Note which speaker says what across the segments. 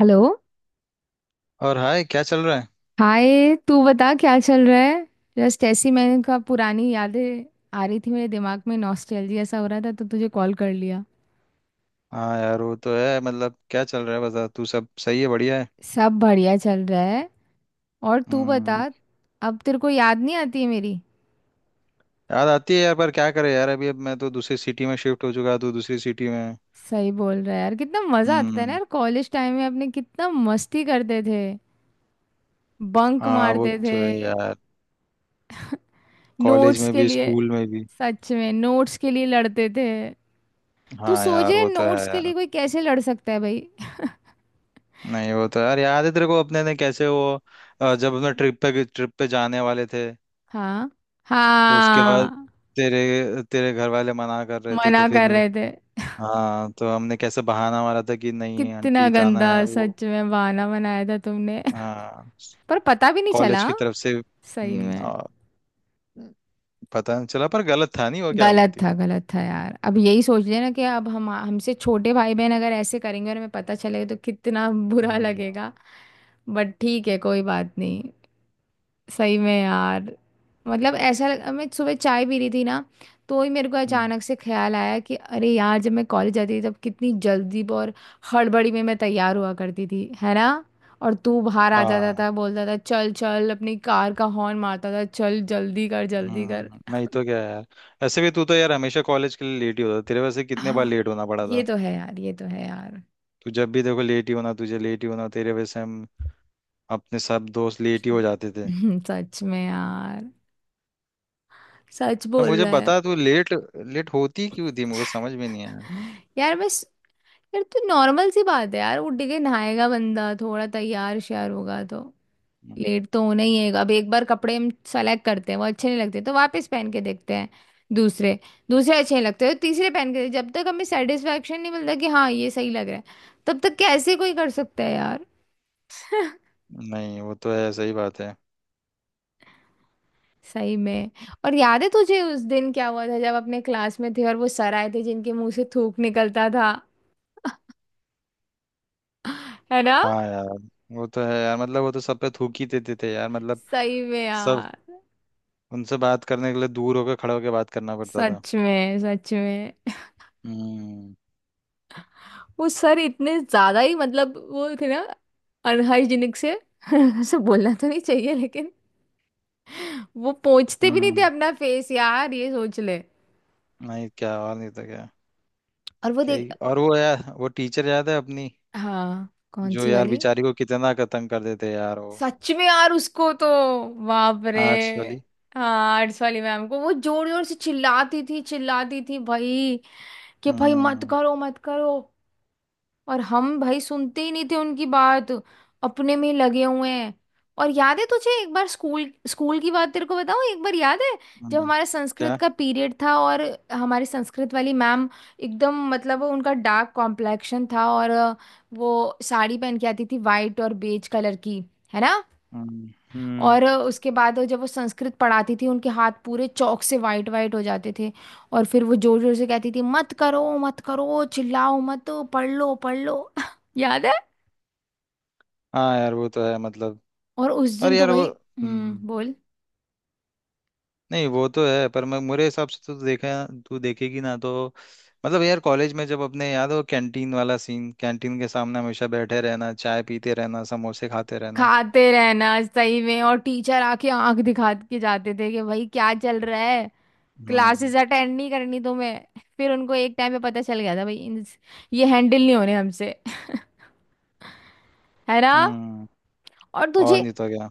Speaker 1: Hello.
Speaker 2: और hi, क्या चल रहा है?
Speaker 1: हाय, तू बता क्या चल रहा है? जस्ट ऐसी मैंने कहा, पुरानी यादें आ रही थी मेरे दिमाग में, नॉस्टैल्जिया सा हो रहा था तो तुझे कॉल कर लिया।
Speaker 2: हाँ यार, वो तो है। मतलब क्या चल रहा है, बता। तू सब सही है? बढ़िया है।
Speaker 1: सब बढ़िया चल रहा है। और तू बता।
Speaker 2: हम्म।
Speaker 1: अब तेरे को याद नहीं आती है मेरी?
Speaker 2: याद आती है यार, पर क्या करे यार। अभी अब मैं तो दूसरी सिटी में शिफ्ट हो चुका, तू दूसरी सिटी में है।
Speaker 1: सही बोल रहा है यार, कितना मजा आता था ना
Speaker 2: हम्म।
Speaker 1: यार कॉलेज टाइम में, अपने कितना मस्ती करते थे। बंक
Speaker 2: हाँ वो
Speaker 1: मारते थे।
Speaker 2: तो है यार, कॉलेज
Speaker 1: नोट्स
Speaker 2: में
Speaker 1: के
Speaker 2: भी
Speaker 1: लिए।
Speaker 2: स्कूल में भी।
Speaker 1: सच में नोट्स के लिए लड़ते थे। तू
Speaker 2: हाँ यार,
Speaker 1: सोचे
Speaker 2: वो तो
Speaker 1: नोट्स
Speaker 2: है
Speaker 1: के लिए
Speaker 2: यार।
Speaker 1: कोई कैसे लड़ सकता है भाई।
Speaker 2: नहीं वो तो यार, याद है तेरे को अपने ने कैसे वो जब
Speaker 1: सच
Speaker 2: अपने
Speaker 1: में।
Speaker 2: ट्रिप पे जाने वाले थे।
Speaker 1: हाँ।
Speaker 2: तो उसके बाद
Speaker 1: हाँ।
Speaker 2: तेरे तेरे घर वाले मना कर रहे थे, तो
Speaker 1: मना
Speaker 2: फिर
Speaker 1: कर रहे थे।
Speaker 2: हाँ, तो हमने कैसे बहाना मारा था कि नहीं
Speaker 1: कितना
Speaker 2: आंटी, जाना
Speaker 1: गंदा।
Speaker 2: है वो।
Speaker 1: सच में बहाना बनाया था तुमने।
Speaker 2: हाँ।
Speaker 1: पर पता भी नहीं
Speaker 2: कॉलेज
Speaker 1: चला।
Speaker 2: की तरफ से
Speaker 1: सही
Speaker 2: हम्म,
Speaker 1: में।
Speaker 2: आ, पता नहीं चला, पर गलत था नहीं, वो क्या
Speaker 1: गलत
Speaker 2: बोलती है।
Speaker 1: था, गलत था यार। अब यही सोच लेना कि अब हम, हमसे छोटे भाई बहन अगर ऐसे करेंगे और हमें पता चलेगा तो कितना बुरा
Speaker 2: हम्म।
Speaker 1: लगेगा। बट ठीक है, कोई बात नहीं। सही में यार। मतलब ऐसा मैं सुबह चाय पी रही थी ना, तो ही मेरे को
Speaker 2: हम्म।
Speaker 1: अचानक से ख्याल आया कि अरे यार, जब मैं कॉलेज जाती थी तब कितनी जल्दी और हड़बड़ी में मैं तैयार हुआ करती थी, है ना। और तू बाहर आ जाता
Speaker 2: हाँ।
Speaker 1: था, बोलता था चल चल, अपनी कार का हॉर्न मारता था, चल जल्दी कर जल्दी कर।
Speaker 2: हम्म। नहीं तो क्या यार। ऐसे भी तू तो यार हमेशा कॉलेज के लिए लेट ही होता, तेरे वजह से कितने बार
Speaker 1: हाँ
Speaker 2: लेट होना पड़ा
Speaker 1: ये
Speaker 2: था।
Speaker 1: तो है यार, ये तो है यार।
Speaker 2: तू जब भी देखो लेट ही होना, तुझे लेट ही होना, तेरे वजह से हम, अपने सब दोस्त लेट ही हो जाते थे।
Speaker 1: सच में यार। सच
Speaker 2: तो
Speaker 1: बोल
Speaker 2: मुझे
Speaker 1: रहा है।
Speaker 2: बता, तू लेट लेट होती क्यों थी, मुझे समझ में नहीं आया।
Speaker 1: यार बस। यार तो नॉर्मल सी बात है यार, उठ के नहाएगा बंदा, थोड़ा तैयार श्यार होगा तो लेट तो होना ही है। अब एक बार कपड़े हम सेलेक्ट करते हैं, वो अच्छे नहीं लगते तो वापस पहन के देखते हैं दूसरे। दूसरे अच्छे नहीं लगते तो तीसरे पहन के, जब तक हमें सेटिस्फेक्शन नहीं मिलता कि हाँ ये सही लग रहा है, तब तक कैसे कोई कर सकता है यार।
Speaker 2: नहीं वो तो है, सही बात है।
Speaker 1: सही में। और याद है तुझे उस दिन क्या हुआ था, जब अपने क्लास में थे और वो सर आए थे जिनके मुंह से थूक निकलता था, है ना।
Speaker 2: हाँ यार वो तो है यार, मतलब वो तो सब पे थूक ही देते थे यार, मतलब
Speaker 1: सही में
Speaker 2: सब।
Speaker 1: यार।
Speaker 2: उनसे बात करने के लिए दूर होकर, खड़े होकर बात करना पड़ता था।
Speaker 1: सच में सच में।
Speaker 2: हम्म।
Speaker 1: वो सर इतने ज्यादा ही मतलब वो थे ना अनहाइजीनिक से। ऐसे बोलना तो नहीं चाहिए लेकिन वो पोंछते भी नहीं थे
Speaker 2: हम्म।
Speaker 1: अपना फेस यार, ये सोच ले।
Speaker 2: नहीं, क्या और नहीं था क्या?
Speaker 1: और वो
Speaker 2: क्या
Speaker 1: देख।
Speaker 2: ही, और वो यार वो टीचर याद है अपनी,
Speaker 1: हाँ कौन
Speaker 2: जो
Speaker 1: सी
Speaker 2: यार
Speaker 1: वाली?
Speaker 2: बेचारी को कितना तंग कर देते यार वो,
Speaker 1: सच में यार, उसको तो बाप रे।
Speaker 2: आर्ट्स वाली।
Speaker 1: हाँ आर्ट्स वाली मैम को वो जोर जोर से चिल्लाती थी, चिल्लाती थी भाई कि भाई मत
Speaker 2: हम्म।
Speaker 1: करो मत करो। और हम भाई सुनते ही नहीं थे उनकी बात, अपने में ही लगे हुए हैं। और याद है तुझे एक बार, स्कूल, स्कूल की बात तेरे को बताऊं, एक बार याद है जब
Speaker 2: हम्म।
Speaker 1: हमारा संस्कृत
Speaker 2: क्या?
Speaker 1: का पीरियड था, और हमारी संस्कृत वाली मैम, एकदम मतलब उनका डार्क कॉम्प्लेक्शन था और वो साड़ी पहन के आती थी वाइट और बेज कलर की, है ना।
Speaker 2: हम्म, हम्म।
Speaker 1: और उसके बाद जब वो संस्कृत पढ़ाती थी, उनके हाथ पूरे चौक से वाइट वाइट हो जाते थे। और फिर वो जोर जोर से कहती थी मत करो मत करो, चिल्लाओ मत, पढ़ लो पढ़ लो। याद है।
Speaker 2: हाँ यार वो तो है, मतलब।
Speaker 1: और उस
Speaker 2: और
Speaker 1: दिन तो
Speaker 2: यार वो,
Speaker 1: भाई।
Speaker 2: हम्म,
Speaker 1: बोल।
Speaker 2: नहीं वो तो है, पर मैं मेरे हिसाब से तो देखा, तू देखेगी ना तो, मतलब यार कॉलेज में जब अपने, याद हो कैंटीन वाला सीन, कैंटीन के सामने हमेशा बैठे रहना, चाय पीते रहना, समोसे खाते रहना।
Speaker 1: खाते रहना सही में। और टीचर आके आंख दिखा के जाते थे कि भाई क्या चल रहा है,
Speaker 2: हम्म।
Speaker 1: क्लासेस अटेंड नहीं करनी तुम्हें? फिर उनको एक टाइम पे पता चल गया था भाई ये हैंडल नहीं होने हमसे। है ना।
Speaker 2: हम्म।
Speaker 1: और
Speaker 2: और
Speaker 1: तुझे।
Speaker 2: नहीं तो क्या।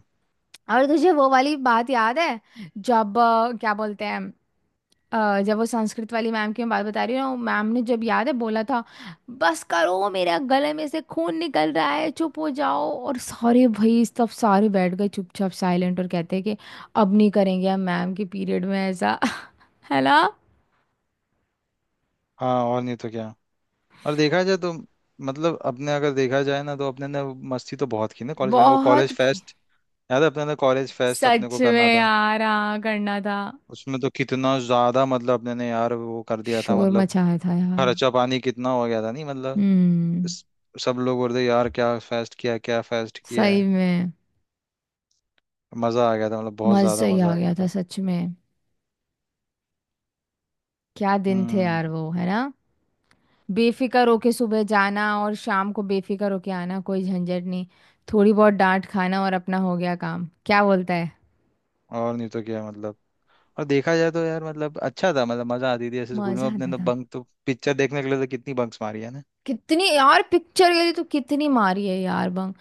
Speaker 1: और तुझे वो वाली बात याद है, जब क्या बोलते हैं, जब वो संस्कृत वाली मैम की मैं बात बता रही हूँ, मैम ने जब याद है बोला था बस करो, मेरा गले में से खून निकल रहा है, चुप हो जाओ। और सारे भाई, सब सारे बैठ गए चुपचाप साइलेंट, और कहते हैं कि अब नहीं करेंगे हम मैम के पीरियड में ऐसा। है ना।
Speaker 2: हाँ, और नहीं तो क्या। और देखा जाए तो, मतलब अपने अगर देखा जाए ना, तो अपने ने मस्ती तो बहुत की ना कॉलेज में, वो
Speaker 1: बहुत
Speaker 2: कॉलेज
Speaker 1: की-
Speaker 2: फेस्ट, याद है अपने ने कॉलेज फेस्ट अपने को
Speaker 1: सच
Speaker 2: करना
Speaker 1: में
Speaker 2: था।
Speaker 1: यार, हाँ करना था।
Speaker 2: उसमें तो कितना ज्यादा, मतलब अपने ने यार वो कर दिया था,
Speaker 1: शोर
Speaker 2: मतलब
Speaker 1: मचाया था यार।
Speaker 2: खर्चा पानी कितना हो गया था, नहीं मतलब
Speaker 1: हम्म।
Speaker 2: इस- सब लोग बोल रहे यार क्या फेस्ट किया, क्या फेस्ट किया
Speaker 1: सही
Speaker 2: है।
Speaker 1: में।
Speaker 2: मजा आ गया था, मतलब बहुत
Speaker 1: मजा
Speaker 2: ज्यादा
Speaker 1: ही
Speaker 2: मजा
Speaker 1: आ
Speaker 2: आ
Speaker 1: गया
Speaker 2: गया
Speaker 1: था
Speaker 2: था।
Speaker 1: सच में। क्या दिन थे
Speaker 2: हम्म।
Speaker 1: यार वो, है ना। बेफिक्र होके सुबह जाना और शाम को बेफिक्र होके आना, कोई झंझट नहीं। थोड़ी बहुत डांट खाना और अपना हो गया काम, क्या बोलता है।
Speaker 2: और नहीं तो क्या मतलब, और देखा जाए तो यार, मतलब अच्छा था, मतलब मजा आती थी ऐसे स्कूल में।
Speaker 1: मजा
Speaker 2: अपने
Speaker 1: आता
Speaker 2: तो
Speaker 1: था।
Speaker 2: बंक तो पिक्चर देखने के लिए तो कितनी बंक्स मारी है ना।
Speaker 1: कितनी यार, पिक्चर के लिए तो कितनी मारी है यार बंग।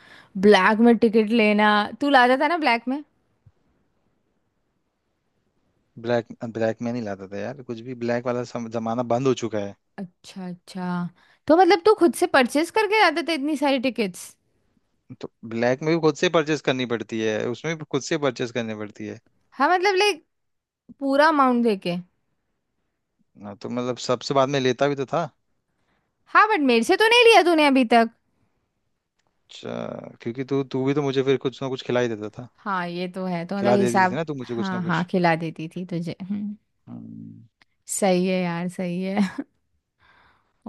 Speaker 1: ब्लैक में टिकट लेना। तू लाता था ना ब्लैक में।
Speaker 2: ब्लैक ब्लैक में नहीं लाता था यार, कुछ भी ब्लैक वाला जमाना बंद हो चुका है।
Speaker 1: अच्छा अच्छा। तो मतलब तू खुद से परचेस करके लाते थे इतनी सारी टिकट्स?
Speaker 2: तो ब्लैक में भी खुद से परचेस करनी पड़ती है, उसमें भी खुद से परचेस करनी पड़ती है।
Speaker 1: हाँ मतलब लाइक, पूरा अमाउंट देके।
Speaker 2: हाँ, तो मतलब सबसे बाद में लेता भी तो था।
Speaker 1: हाँ, बट मेरे से तो नहीं लिया तूने अभी तक।
Speaker 2: अच्छा, क्योंकि तू तू भी तो मुझे फिर कुछ ना कुछ खिला ही देता था,
Speaker 1: हाँ ये तो है, तो मतलब
Speaker 2: खिला देती थी
Speaker 1: हिसाब,
Speaker 2: ना तू मुझे कुछ ना
Speaker 1: हाँ हाँ
Speaker 2: कुछ।
Speaker 1: खिला देती थी तुझे। हम्म।
Speaker 2: हम्म।
Speaker 1: सही है यार, सही है।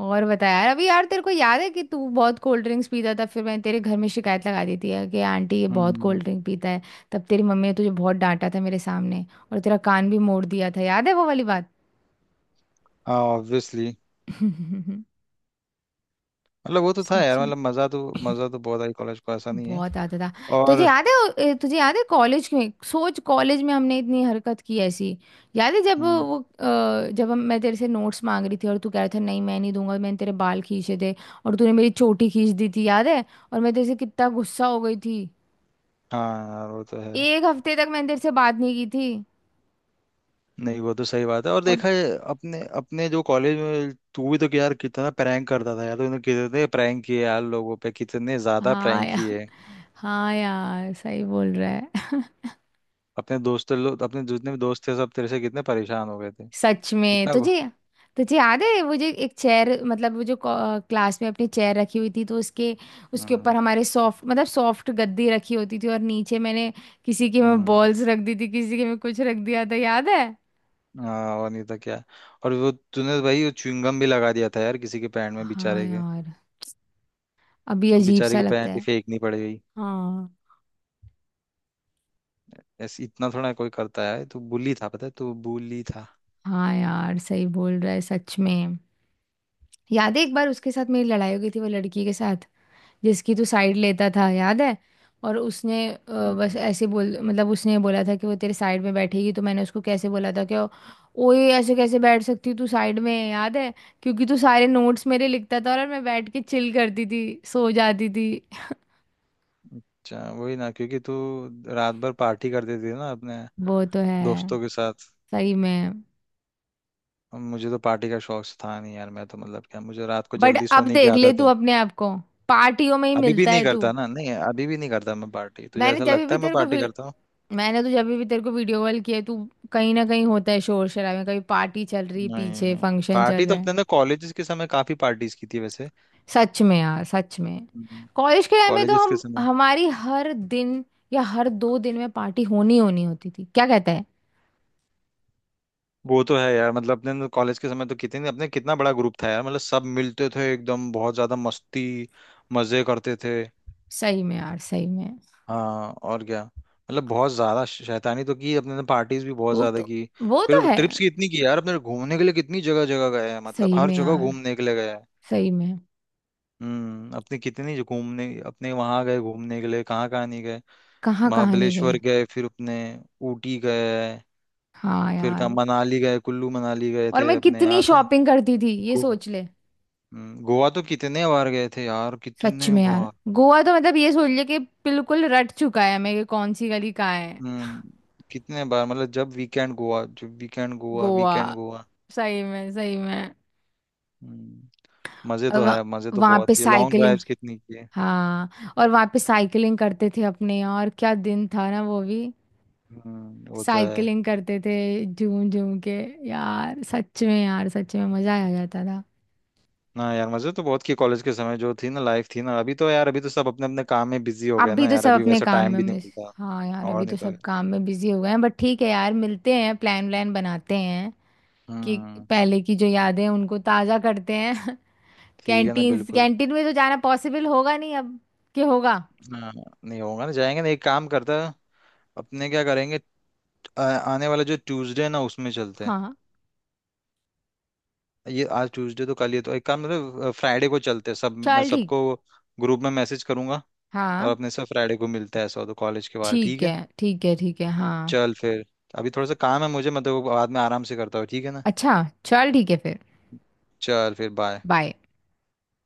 Speaker 1: और बता यार। अभी यार तेरे को याद है कि तू बहुत कोल्ड ड्रिंक्स पीता था, फिर मैंने तेरे घर में शिकायत लगा दी थी यार कि आंटी, ये बहुत
Speaker 2: हम्म।
Speaker 1: कोल्ड ड्रिंक पीता है। तब तेरी मम्मी ने तुझे बहुत डांटा था मेरे सामने, और तेरा कान भी मोड़ दिया था, याद है वो वाली बात।
Speaker 2: हाँ ऑब्वियसली। मतलब वो तो था
Speaker 1: सच
Speaker 2: यार,
Speaker 1: में।
Speaker 2: मतलब मजा तो बहुत आई कॉलेज को, ऐसा नहीं है।
Speaker 1: बहुत आता था। तुझे
Speaker 2: और
Speaker 1: याद तुझे याद है कॉलेज में, सोच कॉलेज में हमने इतनी हरकत की ऐसी। याद है जब
Speaker 2: हम्म,
Speaker 1: वो जब हम, मैं तेरे से नोट्स मांग रही थी और तू कह रहा था नहीं मैं नहीं दूंगा, मैंने तेरे बाल खींचे थे, और तूने मेरी चोटी खींच दी थी, याद है। और मैं तेरे से कितना गुस्सा हो गई थी।
Speaker 2: हाँ यार वो तो है।
Speaker 1: एक हफ्ते तक मैंने तेरे से बात नहीं की थी।
Speaker 2: नहीं वो तो सही बात है, और
Speaker 1: और,
Speaker 2: देखा है अपने अपने जो कॉलेज में, तू भी तो कि यार कितना प्रैंक करता था यार, तूने कितने प्रैंक किए यार, लोगों पे कितने ज्यादा
Speaker 1: हाँ
Speaker 2: प्रैंक
Speaker 1: यार,
Speaker 2: किए।
Speaker 1: हाँ यार सही बोल रहा है।
Speaker 2: अपने दोस्त लोग, अपने जितने भी दोस्त थे, सब तेरे से कितने परेशान हो गए थे।
Speaker 1: सच में।
Speaker 2: इतना
Speaker 1: तुझे तुझे याद है वो जो एक चेयर, मतलब वो जो क्लास में अपनी चेयर रखी हुई थी, तो उसके, उसके
Speaker 2: हम्म।
Speaker 1: ऊपर हमारे सॉफ्ट, मतलब सॉफ्ट गद्दी रखी होती थी, और नीचे मैंने किसी के में
Speaker 2: हम्म।
Speaker 1: बॉल्स रख दी थी, किसी के में कुछ रख दिया था, याद है।
Speaker 2: हाँ, और नहीं तो क्या। और वो तूने तो भाई वो च्युइंगम भी लगा दिया था यार किसी के पैंट में
Speaker 1: हाँ
Speaker 2: बेचारे के,
Speaker 1: यार, अभी
Speaker 2: उसको
Speaker 1: अजीब
Speaker 2: बेचारे
Speaker 1: सा
Speaker 2: की
Speaker 1: लगता
Speaker 2: पैंट ही
Speaker 1: है।
Speaker 2: फेंकनी पड़ गई।
Speaker 1: हाँ।
Speaker 2: ऐसे इतना थोड़ा कोई करता है, तू bully था, पता है तू bully
Speaker 1: हाँ यार सही बोल रहा है सच में। याद है एक बार उसके साथ मेरी लड़ाई हो गई थी, वो लड़की के साथ जिसकी तू साइड लेता था, याद है। और उसने
Speaker 2: था।
Speaker 1: बस ऐसे बोल मतलब, उसने बोला था कि वो तेरे साइड में बैठेगी, तो मैंने उसको कैसे बोला था कि ओए ऐसे कैसे बैठ सकती तू साइड में, याद है। क्योंकि तू सारे नोट्स मेरे लिखता था और मैं बैठ के चिल करती थी, सो जाती थी।
Speaker 2: अच्छा वही ना, क्योंकि तू रात भर पार्टी कर देती थी ना अपने
Speaker 1: वो तो है।
Speaker 2: दोस्तों के साथ।
Speaker 1: सही में।
Speaker 2: अब मुझे तो पार्टी का शौक था नहीं यार, मैं तो, मतलब क्या, मुझे रात को
Speaker 1: बट
Speaker 2: जल्दी
Speaker 1: अब
Speaker 2: सोने की
Speaker 1: देख ले
Speaker 2: आदत
Speaker 1: तू
Speaker 2: है।
Speaker 1: अपने आप को, पार्टियों में ही
Speaker 2: अभी भी
Speaker 1: मिलता
Speaker 2: नहीं
Speaker 1: है तू।
Speaker 2: करता ना, नहीं अभी भी नहीं करता मैं पार्टी, तुझे
Speaker 1: मैंने
Speaker 2: ऐसा
Speaker 1: जब
Speaker 2: लगता
Speaker 1: भी
Speaker 2: है मैं
Speaker 1: तेरे को
Speaker 2: पार्टी
Speaker 1: वी-
Speaker 2: करता हूँ?
Speaker 1: मैंने तो जब भी तेरे को वीडियो कॉल किया है, तू कहीं ना कहीं होता है शोर शराबे, कभी पार्टी चल रही है
Speaker 2: नहीं,
Speaker 1: पीछे,
Speaker 2: नहीं।
Speaker 1: फंक्शन चल
Speaker 2: पार्टी तो
Speaker 1: रहा है।
Speaker 2: अपने ना कॉलेजेस के समय काफी पार्टीज की थी वैसे,
Speaker 1: सच में यार, सच में। कॉलेज के टाइम में तो
Speaker 2: कॉलेजेस के
Speaker 1: हम,
Speaker 2: समय।
Speaker 1: हमारी हर दिन या हर दो दिन में पार्टी होनी होनी होती थी, क्या कहता है।
Speaker 2: वो तो है यार, मतलब अपने कॉलेज के समय तो कितने अपने कितना बड़ा ग्रुप था यार, मतलब सब मिलते थे एकदम, बहुत ज्यादा मस्ती मजे करते थे।
Speaker 1: सही में यार, सही में।
Speaker 2: हाँ और क्या, मतलब बहुत ज्यादा शैतानी तो की अपने ने, पार्टीज भी बहुत
Speaker 1: वो
Speaker 2: ज्यादा
Speaker 1: तो
Speaker 2: की।
Speaker 1: वो तो
Speaker 2: फिर
Speaker 1: है
Speaker 2: ट्रिप्स
Speaker 1: यार।
Speaker 2: कितनी की यार अपने घूमने के लिए, कितनी जगह जगह गए हैं, मतलब
Speaker 1: सही
Speaker 2: हर
Speaker 1: में
Speaker 2: जगह
Speaker 1: यार,
Speaker 2: घूमने के लिए गए हैं।
Speaker 1: सही में।
Speaker 2: हम्म। अपने कितनी जो घूमने अपने वहां गए, घूमने के लिए कहाँ कहाँ नहीं गए।
Speaker 1: कहाँ कहाँ नहीं गए।
Speaker 2: महाबलेश्वर गए, फिर अपने ऊटी गए,
Speaker 1: हाँ
Speaker 2: फिर कहाँ
Speaker 1: यार।
Speaker 2: मनाली गए, कुल्लू मनाली गए
Speaker 1: और
Speaker 2: थे
Speaker 1: मैं
Speaker 2: अपने,
Speaker 1: कितनी
Speaker 2: याद है।
Speaker 1: शॉपिंग करती थी, ये
Speaker 2: गो
Speaker 1: सोच ले।
Speaker 2: गोवा तो कितने बार गए थे यार,
Speaker 1: सच
Speaker 2: कितने
Speaker 1: में यार।
Speaker 2: बार।
Speaker 1: गोवा तो मतलब ये सोच ले कि बिल्कुल रट चुका है मैं कि कौन सी गली कहाँ है।
Speaker 2: हम्म। कितने बार, मतलब जब वीकेंड गोवा, जब वीकेंड गोवा,
Speaker 1: गोवा।
Speaker 2: वीकेंड गोवा।
Speaker 1: सही में, सही में।
Speaker 2: हम्म। मजे तो है, मजे तो
Speaker 1: वहां
Speaker 2: बहुत
Speaker 1: पे
Speaker 2: किए, लॉन्ग
Speaker 1: साइकिलिंग।
Speaker 2: ड्राइव्स कितनी की है।
Speaker 1: हाँ, और वहाँ पे साइकिलिंग करते थे अपने यार, क्या दिन था ना वो भी।
Speaker 2: हम्म, वो तो है।
Speaker 1: साइकिलिंग करते थे, झूम झूम के यार, सच में यार, सच में मजा आ जाता था।
Speaker 2: ना यार मजे तो बहुत किए कॉलेज के समय, जो थी ना लाइफ थी ना, अभी तो यार, अभी तो सब अपने अपने काम में बिजी हो गए
Speaker 1: अभी
Speaker 2: ना
Speaker 1: तो
Speaker 2: यार,
Speaker 1: सब
Speaker 2: अभी
Speaker 1: अपने
Speaker 2: वैसा
Speaker 1: काम
Speaker 2: टाइम
Speaker 1: में
Speaker 2: भी नहीं
Speaker 1: मिस।
Speaker 2: मिलता।
Speaker 1: हाँ यार,
Speaker 2: और
Speaker 1: अभी तो
Speaker 2: नहीं तो है।
Speaker 1: सब काम में बिजी हो गए हैं, बट ठीक है यार, मिलते हैं, प्लान व्लान बनाते हैं कि
Speaker 2: हम्म।
Speaker 1: पहले की जो यादें हैं उनको ताज़ा करते हैं।
Speaker 2: ठीक है ना
Speaker 1: कैंटीन,
Speaker 2: बिल्कुल।
Speaker 1: कैंटीन में तो जाना पॉसिबल होगा नहीं अब। कि होगा?
Speaker 2: हाँ। नहीं होगा ना, जाएंगे ना, एक काम करता है, अपने क्या करेंगे, आने वाला जो ट्यूसडे है ना उसमें चलते हैं।
Speaker 1: हाँ
Speaker 2: ये आज ट्यूसडे तो कल, ये तो एक काम, मतलब फ्राइडे को चलते हैं सब, मैं
Speaker 1: चल ठीक।
Speaker 2: सबको ग्रुप में मैसेज करूंगा और
Speaker 1: हाँ,
Speaker 2: अपने सब फ्राइडे को मिलता है, ऐसा हो तो, कॉलेज के बाहर, ठीक
Speaker 1: ठीक
Speaker 2: है।
Speaker 1: है ठीक है ठीक है, हाँ।
Speaker 2: चल फिर, अभी थोड़ा सा काम है मुझे, मैं तो बाद में आराम से करता हूँ, ठीक है ना।
Speaker 1: अच्छा चल ठीक है फिर।
Speaker 2: चल फिर बाय।
Speaker 1: Bye.